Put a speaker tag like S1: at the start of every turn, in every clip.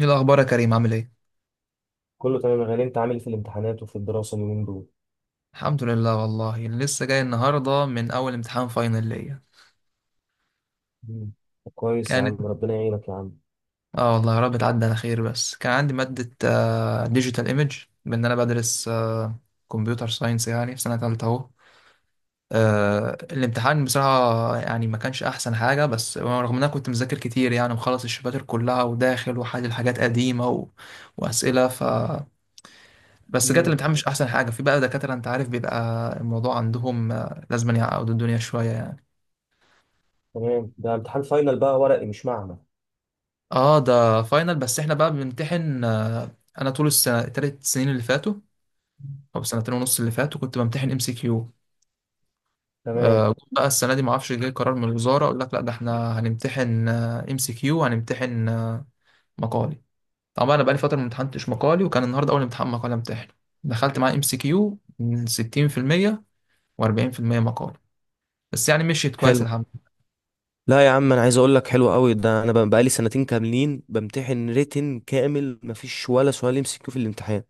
S1: ايه الاخبار يا كريم، عامل ايه؟
S2: كله تمام يا غالي، انت عامل ايه في الامتحانات وفي الدراسة اليومين دول؟
S1: الحمد لله، والله لسه جاي النهارده من اول امتحان فاينل ليا.
S2: مم. طب كويس يا
S1: كانت
S2: عم، ربنا يعينك يا عم.
S1: اه والله يا رب تعدي على خير، بس كان عندي ماده ديجيتال ايمج بان. انا بدرس كمبيوتر ساينس يعني، في سنه ثالثه اهو. الامتحان بصراحه يعني ما كانش احسن حاجه، بس رغم ان انا كنت مذاكر كتير يعني ومخلص الشباتر كلها وداخل وحل حاجات قديمه و... واسئله ف بس جت
S2: مم.
S1: الامتحان مش احسن حاجه. في بقى دكاتره، انت عارف، بيبقى الموضوع عندهم لازم يعني يعقدوا الدنيا شويه يعني.
S2: تمام. ده امتحان فاينل بقى ورقي مش معمل؟
S1: اه ده فاينل، بس احنا بقى بنمتحن انا طول السنه، التلات سنين اللي فاتوا او سنتين ونص اللي فاتوا، كنت بمتحن ام سي كيو.
S2: تمام.
S1: بقى السنه دي ما اعرفش، جاي قرار من الوزاره اقول لك لا ده احنا هنمتحن ام سي كيو وهنمتحن مقالي. طبعا انا بقالي فتره ما امتحنتش مقالي، وكان النهارده اول امتحان مقالي امتحن. دخلت معاه ام سي كيو من 60% و40% مقالي. بس يعني مشيت كويس
S2: حلو.
S1: الحمد
S2: لا يا عم، انا عايز اقول لك حلو قوي ده. انا بقالي سنتين كاملين بمتحن ريتن كامل مفيش ولا سؤال يمسكه في الامتحان.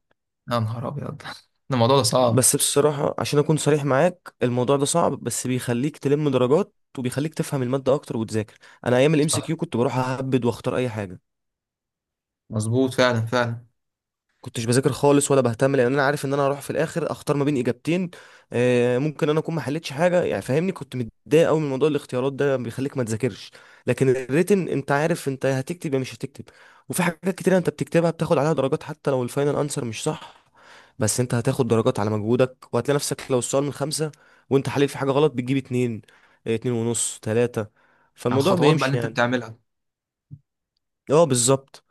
S1: لله. يا نهار ابيض ده الموضوع ده صعب.
S2: بس بصراحة عشان اكون صريح معاك، الموضوع ده صعب بس بيخليك تلم درجات وبيخليك تفهم المادة اكتر وتذاكر. انا ايام الام سي
S1: صح
S2: كيو كنت بروح اهبد واختار اي حاجة.
S1: مظبوط فعلا فعلا.
S2: كنتش بذاكر خالص ولا بهتم، لان انا عارف ان انا هروح في الاخر اختار ما بين اجابتين. ممكن انا اكون ما حلتش حاجه يعني، فاهمني؟ كنت متضايق قوي من موضوع الاختيارات ده بيخليك ما تذاكرش. لكن الريتن، انت عارف انت هتكتب يا مش هتكتب. وفي حاجات كتير انت بتكتبها بتاخد عليها درجات حتى لو الفاينل انسر مش صح. بس انت هتاخد درجات على مجهودك، وهتلاقي نفسك لو السؤال من خمسة وانت حليت في حاجه غلط بتجيب اتنين، اتنين ونص تلاته.
S1: على
S2: فالموضوع
S1: الخطوات بقى اللي
S2: بيمشي
S1: انت
S2: يعني.
S1: بتعملها.
S2: اه، بالظبط.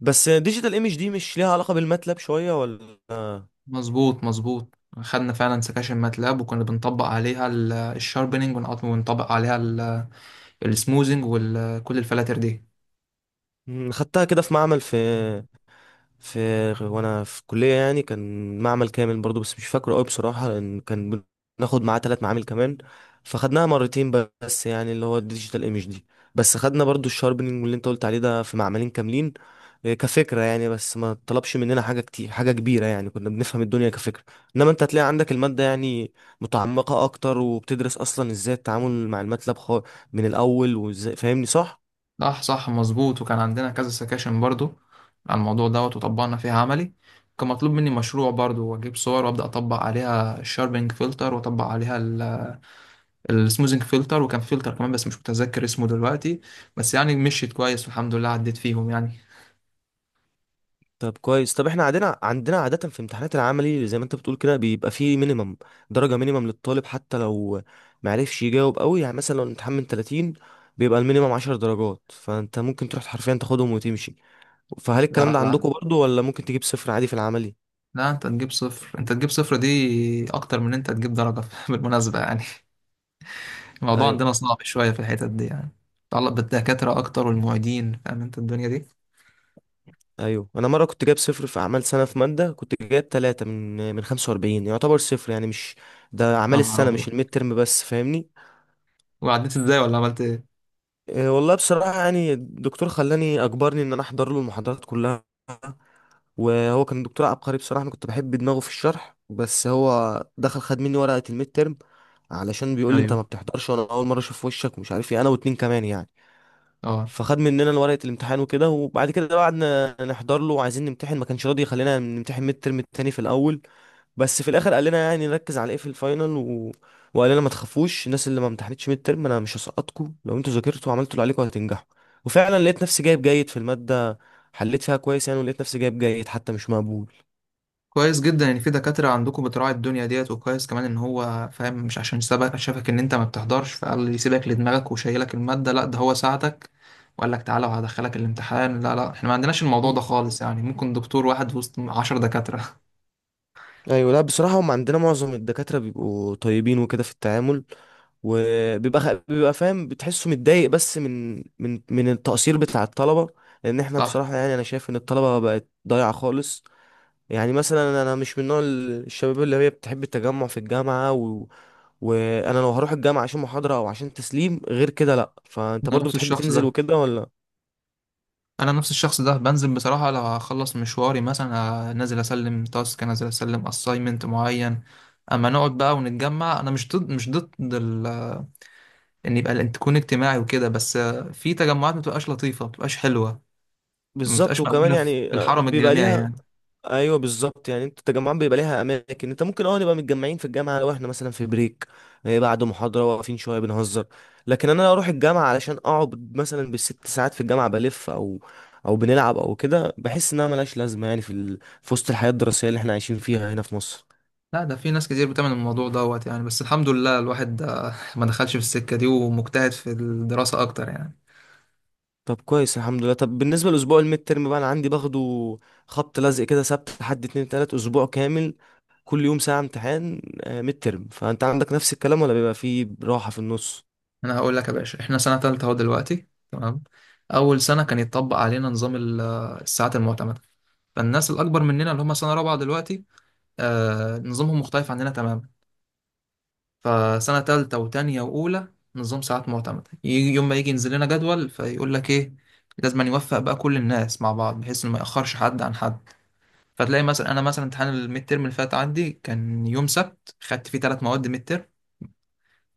S2: بس ديجيتال ايمج دي مش ليها علاقه بالماتلاب شويه ولا؟
S1: مظبوط مظبوط. خدنا فعلا سكاشن ماتلاب وكنا بنطبق عليها الشاربينج ونطبق عليها السموزنج وكل الفلاتر دي.
S2: مم، خدتها كده في معمل. في في وانا في كلية يعني كان معمل كامل برضو بس مش فاكره قوي بصراحة لان كان بناخد معاه ثلاث معامل كمان، فخدناها مرتين. بس يعني اللي هو الديجيتال ايمج دي، بس خدنا برضو الشاربنينج واللي انت قلت عليه ده في معملين كاملين. كفكرة يعني، بس ما طلبش مننا حاجة كتير حاجة كبيرة يعني كنا بنفهم الدنيا كفكرة. انما انت هتلاقي عندك المادة يعني متعمقة اكتر وبتدرس اصلا ازاي التعامل مع الماتلاب من الاول وازاي، فاهمني صح؟
S1: صح صح مظبوط، وكان عندنا كذا سكاشن برضو على الموضوع دوت وطبقنا فيها عملي. كان مطلوب مني مشروع برضو، واجيب صور وابدا اطبق عليها الشاربينج فلتر واطبق عليها السموزنج فلتر وكان فلتر كمان بس مش متذكر اسمه دلوقتي. بس يعني مشيت كويس والحمد لله عديت فيهم يعني.
S2: طب كويس. طب احنا عندنا عادة في امتحانات العملي، زي ما انت بتقول كده، بيبقى فيه مينيمم درجة، مينيمم للطالب حتى لو معرفش يجاوب قوي. يعني مثلا لو الامتحان من 30، بيبقى المينيمم 10 درجات، فانت ممكن تروح حرفيا تاخدهم وتمشي. فهل الكلام
S1: لا
S2: ده
S1: لا
S2: عندكم برضو، ولا ممكن تجيب صفر عادي في العملي؟
S1: لا، انت تجيب صفر، انت تجيب صفر دي اكتر من انت تجيب درجة بالمناسبة يعني. الموضوع
S2: ايوه،
S1: عندنا صعب شوية في الحتت دي يعني، متعلق بالدكاترة اكتر والمعيدين، فاهم انت الدنيا دي.
S2: ايوه. انا مرة كنت جايب صفر في اعمال سنة في مادة، كنت جايب 3 من 45. يعتبر صفر يعني، مش ده
S1: يا
S2: اعمال
S1: نهار
S2: السنة مش
S1: ابيض،
S2: الميد ترم بس، فاهمني؟
S1: وعديت ازاي ولا عملت ايه؟
S2: إيه والله بصراحة يعني الدكتور خلاني، أجبرني إن أنا أحضر له المحاضرات كلها. وهو كان دكتور عبقري بصراحة، أنا كنت بحب دماغه في الشرح. بس هو دخل خد مني ورقة الميد ترم علشان بيقول لي أنت ما
S1: ايوه.
S2: بتحضرش، وأنا أول مرة أشوف وشك ومش عارف إيه، أنا واتنين كمان يعني.
S1: اه
S2: فخد مننا ورقة الامتحان وكده. وبعد كده بقى قعدنا نحضر له وعايزين نمتحن، ما كانش راضي يخلينا نمتحن ميد ترم التاني في الأول. بس في الآخر قال لنا يعني نركز على إيه في الفاينل وقال لنا ما تخافوش. الناس اللي ما امتحنتش ميد ترم أنا مش هسقطكم، لو أنتوا ذاكرتوا وعملتوا اللي عليكم هتنجحوا. وفعلا لقيت نفسي جايب جيد في المادة. حليت فيها كويس يعني، ولقيت نفسي جايب جيد حتى، مش مقبول.
S1: كويس جدا ان في دكاترة عندكم بتراعي الدنيا ديت، وكويس كمان ان هو فاهم، مش عشان سبك شافك ان انت ما بتحضرش فقال يسيبك لدماغك وشايلك المادة، لا ده هو ساعدك وقال لك تعالى وهدخلك الامتحان. لا لا، احنا ما عندناش الموضوع ده
S2: مم.
S1: خالص يعني، ممكن دكتور واحد وسط 10 دكاترة.
S2: ايوه. لا بصراحه، هم عندنا معظم الدكاتره بيبقوا طيبين وكده في التعامل، وبيبقى بيبقى فاهم بتحسه متضايق بس من التقصير بتاع الطلبه. لان احنا
S1: صح.
S2: بصراحه يعني، انا شايف ان الطلبه بقت ضايعه خالص. يعني مثلا انا مش من نوع الشباب اللي هي بتحب التجمع في الجامعه وانا لو هروح الجامعه عشان محاضره او عشان تسليم غير كده لا. فانت
S1: انا
S2: برضو
S1: نفس
S2: بتحب
S1: الشخص
S2: تنزل
S1: ده
S2: وكده ولا؟
S1: انا نفس الشخص ده بنزل بصراحه لو هخلص مشواري، مثلا نازل اسلم تاسك، نازل اسلم اساينمنت معين. اما نقعد بقى ونتجمع، انا مش ضد ان يبقى تكون اجتماعي وكده، بس في تجمعات ما بتبقاش لطيفه، ما بتبقاش حلوه، ما
S2: بالظبط.
S1: بتبقاش
S2: وكمان
S1: مقبوله في
S2: يعني
S1: الحرم
S2: بيبقى
S1: الجامعي
S2: ليها.
S1: يعني.
S2: ايوه بالظبط. يعني انت التجمعات بيبقى ليها اماكن، انت ممكن اه نبقى متجمعين في الجامعه لو احنا مثلا في بريك، إيه، بعد محاضره واقفين شويه بنهزر. لكن انا لو اروح الجامعه علشان اقعد مثلا بال6 ساعات في الجامعه بلف او او بنلعب او كده، بحس انها ملهاش لازمه يعني في في وسط الحياه الدراسيه اللي احنا عايشين فيها هنا في مصر.
S1: لا ده في ناس كتير بتعمل الموضوع دوت يعني، بس الحمد لله الواحد ما دخلش في السكه دي ومجتهد في الدراسه اكتر يعني.
S2: طب كويس الحمد لله. طب بالنسبه لاسبوع الميد ترم بقى، انا عندي باخده خبط لزق كده، سبت لحد اتنين تلات اسبوع كامل، كل يوم ساعه امتحان ميد ترم. فانت عندك نفس الكلام ولا بيبقى فيه راحه في النص؟
S1: انا هقول لك يا باشا، احنا سنه تالته اهو دلوقتي. تمام. اول سنه كان يتطبق علينا نظام الساعات المعتمده. فالناس الاكبر مننا اللي هم سنه رابعه دلوقتي، آه نظامهم مختلف عننا تماما. فسنه تالته وتانيه واولى، نظام ساعات معتمده. يوم ما يجي ينزل لنا جدول فيقول لك ايه، لازم أن يوفق بقى كل الناس مع بعض بحيث انه ما ياخرش حد عن حد. فتلاقي مثلا انا، مثلا امتحان الميد تيرم اللي فات عندي كان يوم سبت خدت فيه ثلاث مواد ميد تيرم،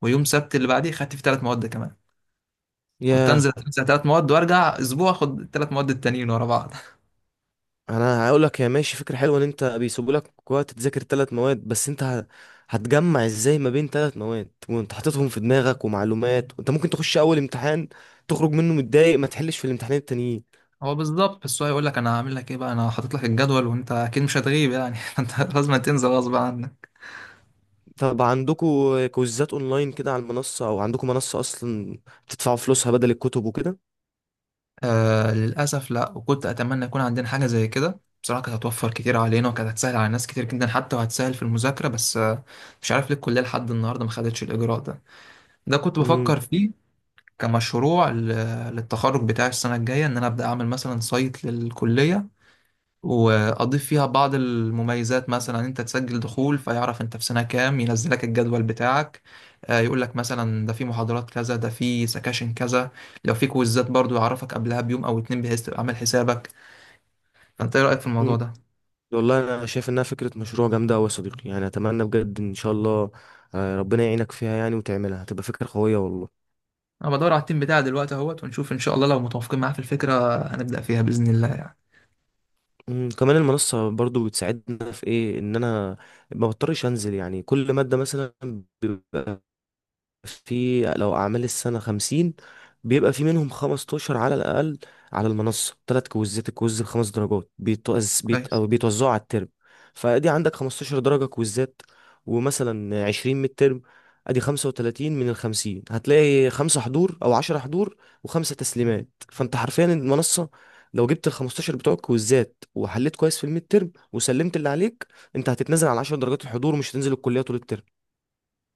S1: ويوم سبت اللي بعديه خدت فيه ثلاث مواد كمان. كنت
S2: ياه.
S1: انزل اتمسح ثلاث مواد وارجع اسبوع اخد الثلاث مواد التانيين ورا بعض.
S2: انا هقول لك يا ماشي، فكره حلوه ان انت بيسيبوا لك وقت تذاكر ثلاث مواد، بس انت هتجمع ازاي ما بين ثلاث مواد وانت حاططهم في دماغك ومعلومات، وانت ممكن تخش اول امتحان تخرج منه متضايق ما تحلش في الامتحانين التانيين.
S1: هو بالظبط، بس هو يقول لك انا هعمل لك ايه بقى، انا حاطط لك الجدول وانت اكيد مش هتغيب يعني. فانت لازم تنزل غصب عنك.
S2: طب عندكم كويزات اونلاين كده على المنصه، او عندكم منصه اصلا بتدفعوا فلوسها بدل الكتب وكده؟
S1: آه للاسف لا، وكنت اتمنى يكون عندنا حاجه زي كده بصراحه، كانت هتوفر كتير علينا وكانت هتسهل على ناس كتير جدا حتى، وهتسهل في المذاكره، بس آه مش عارف ليه الكليه لحد النهارده ما خدتش الاجراء ده. ده كنت
S2: امم
S1: بفكر فيه كمشروع للتخرج بتاعي السنه الجايه، ان انا ابدا اعمل مثلا سايت للكليه واضيف فيها بعض المميزات، مثلا انت تسجل دخول فيعرف انت في سنة كام، ينزلك الجدول بتاعك. يقول لك مثلا ده في محاضرات كذا، ده في سكاشن كذا. لو في كويزات برضو يعرفك قبلها بيوم او اتنين بحيث تبقى عامل حسابك. فانت ايه رأيك في الموضوع ده؟
S2: والله انا شايف انها فكره مشروع جامده قوي يا صديقي، يعني اتمنى بجد ان شاء الله. ربنا يعينك فيها يعني، وتعملها هتبقى فكره قويه والله.
S1: انا بدور على التيم بتاعي دلوقتي اهوت، ونشوف ان شاء الله لو متوافقين معاه في الفكرة هنبدأ فيها بإذن الله يعني.
S2: كمان المنصة برضو بتساعدنا في ايه؟ ان انا ما بضطرش انزل يعني كل مادة مثلا في، لو أعمال السنة 50، بيبقى في منهم 15 على الأقل على المنصة. تلات كويزات الكويز بخمس درجات
S1: كويس.
S2: أو بيتوزعوا على الترم. فأدي عندك 15 درجة كويزات، ومثلا 20 من الترم، أدي 35 من ال50. هتلاقي خمسة حضور أو 10 حضور وخمسة تسليمات. فأنت حرفيا المنصة، لو جبت ال15 بتوع الكويزات وحليت كويس في الميد ترم وسلمت اللي عليك، أنت هتتنزل على 10 درجات الحضور، ومش هتنزل الكلية طول الترم.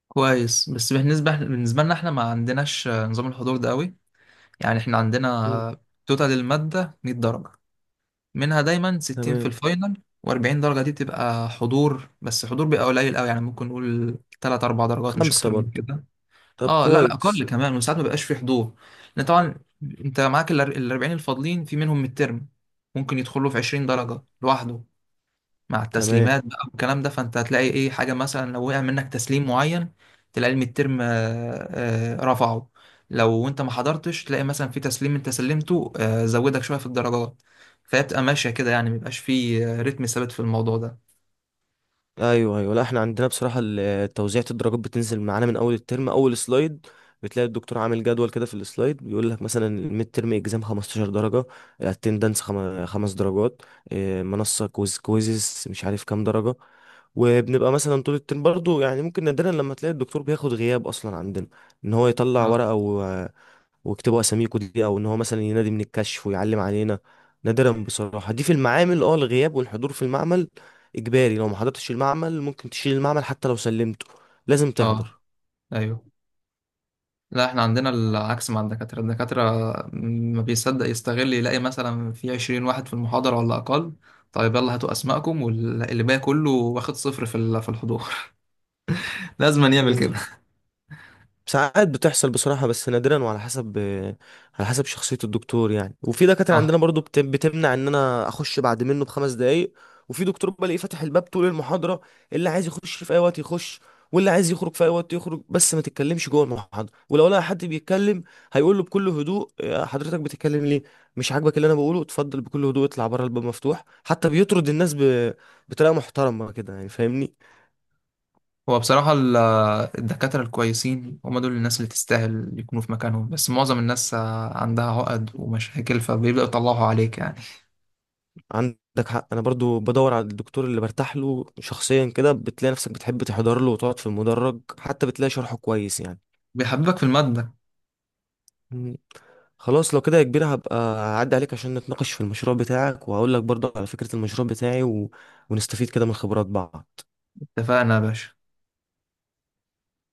S1: كويس. بس بالنسبة لنا احنا ما عندناش نظام الحضور ده قوي. يعني احنا
S2: مم.
S1: عندنا توتال المادة 100 درجة، منها دايما 60 في
S2: تمام.
S1: الفاينل و40 درجة. دي بتبقى حضور، بس حضور بيبقى قليل قوي يعني، ممكن نقول 3 4 درجات مش
S2: خمسة
S1: اكتر من
S2: برضه.
S1: كده.
S2: طب
S1: اه لا لا
S2: كويس.
S1: اقل كمان، وساعات ما بيبقاش في حضور. لان طبعا انت معاك ال 40 الفاضلين في منهم من الترم ممكن يدخلوا في 20
S2: مم.
S1: درجة لوحده. مع
S2: تمام.
S1: التسليمات بقى والكلام ده، فانت هتلاقي ايه حاجه مثلا لو وقع منك تسليم معين تلاقي الميد ترم رفعه. لو انت ما حضرتش تلاقي مثلا في تسليم انت سلمته زودك شويه في الدرجات. فهي بتبقى ماشيه كده يعني، ميبقاش في رتم ثابت في الموضوع ده.
S2: ايوه، ايوه. لا احنا عندنا بصراحه توزيعة الدرجات بتنزل معانا من اول الترم، اول سلايد بتلاقي الدكتور عامل جدول كده في السلايد، بيقول لك مثلا الميد ترم اكزام 15 درجه، اتندنس خمس درجات، إيه، منصه كويز كويزز مش عارف كام درجه. وبنبقى مثلا طول الترم برضو يعني، ممكن نادرا لما تلاقي الدكتور بياخد غياب اصلا عندنا، ان هو يطلع
S1: اه.
S2: ورقه ويكتبوا اساميكوا دي، او ان هو مثلا ينادي من الكشف ويعلم علينا. نادرا بصراحه. دي في المعامل، اه، الغياب والحضور في المعمل اجباري. لو ما حضرتش المعمل ممكن تشيل المعمل، حتى لو سلمته لازم
S1: اه.
S2: تحضر.
S1: ايوه لا احنا عندنا العكس مع الدكاترة. الدكاترة ما بيصدق يستغل، يلاقي مثلا في 20 واحد في المحاضرة ولا أقل، طيب يلا هاتوا أسمائكم، واللي باقي كله واخد صفر في في الحضور. لازم يعمل
S2: مم.
S1: كده.
S2: ساعات بتحصل بصراحة بس نادرا، وعلى حسب على حسب شخصية الدكتور يعني. وفي دكاترة
S1: صح.
S2: عندنا برضو بتمنع ان انا اخش بعد منه ب5 دقايق. وفي دكتور بلاقيه فاتح الباب طول المحاضرة، اللي عايز يخش في اي وقت يخش، واللي عايز يخرج في اي وقت يخرج. بس ما تتكلمش جوه المحاضرة، ولو لقى حد بيتكلم هيقول له بكل هدوء: "يا حضرتك بتتكلم ليه؟ مش عاجبك اللي انا بقوله؟ اتفضل بكل هدوء اطلع بره، الباب مفتوح." حتى بيطرد الناس بطريقة محترمة كده يعني، فاهمني؟
S1: هو بصراحة الدكاترة الكويسين هم دول الناس اللي تستاهل يكونوا في مكانهم، بس معظم الناس عندها عقد ومشاكل، فبيبدأوا يطلعوا عليك يعني.
S2: عندك حق. انا برضو بدور على الدكتور اللي برتاح له شخصيا كده، بتلاقي نفسك بتحب تحضر له وتقعد في المدرج، حتى بتلاقي شرحه كويس يعني.
S1: بيحببك في المادة.
S2: مم. خلاص لو كده يا كبير، هبقى اعدي عليك عشان نتناقش في المشروع بتاعك وهقول لك برضو على فكرة المشروع بتاعي ونستفيد كده من خبرات بعض.
S1: اتفقنا يا باشا.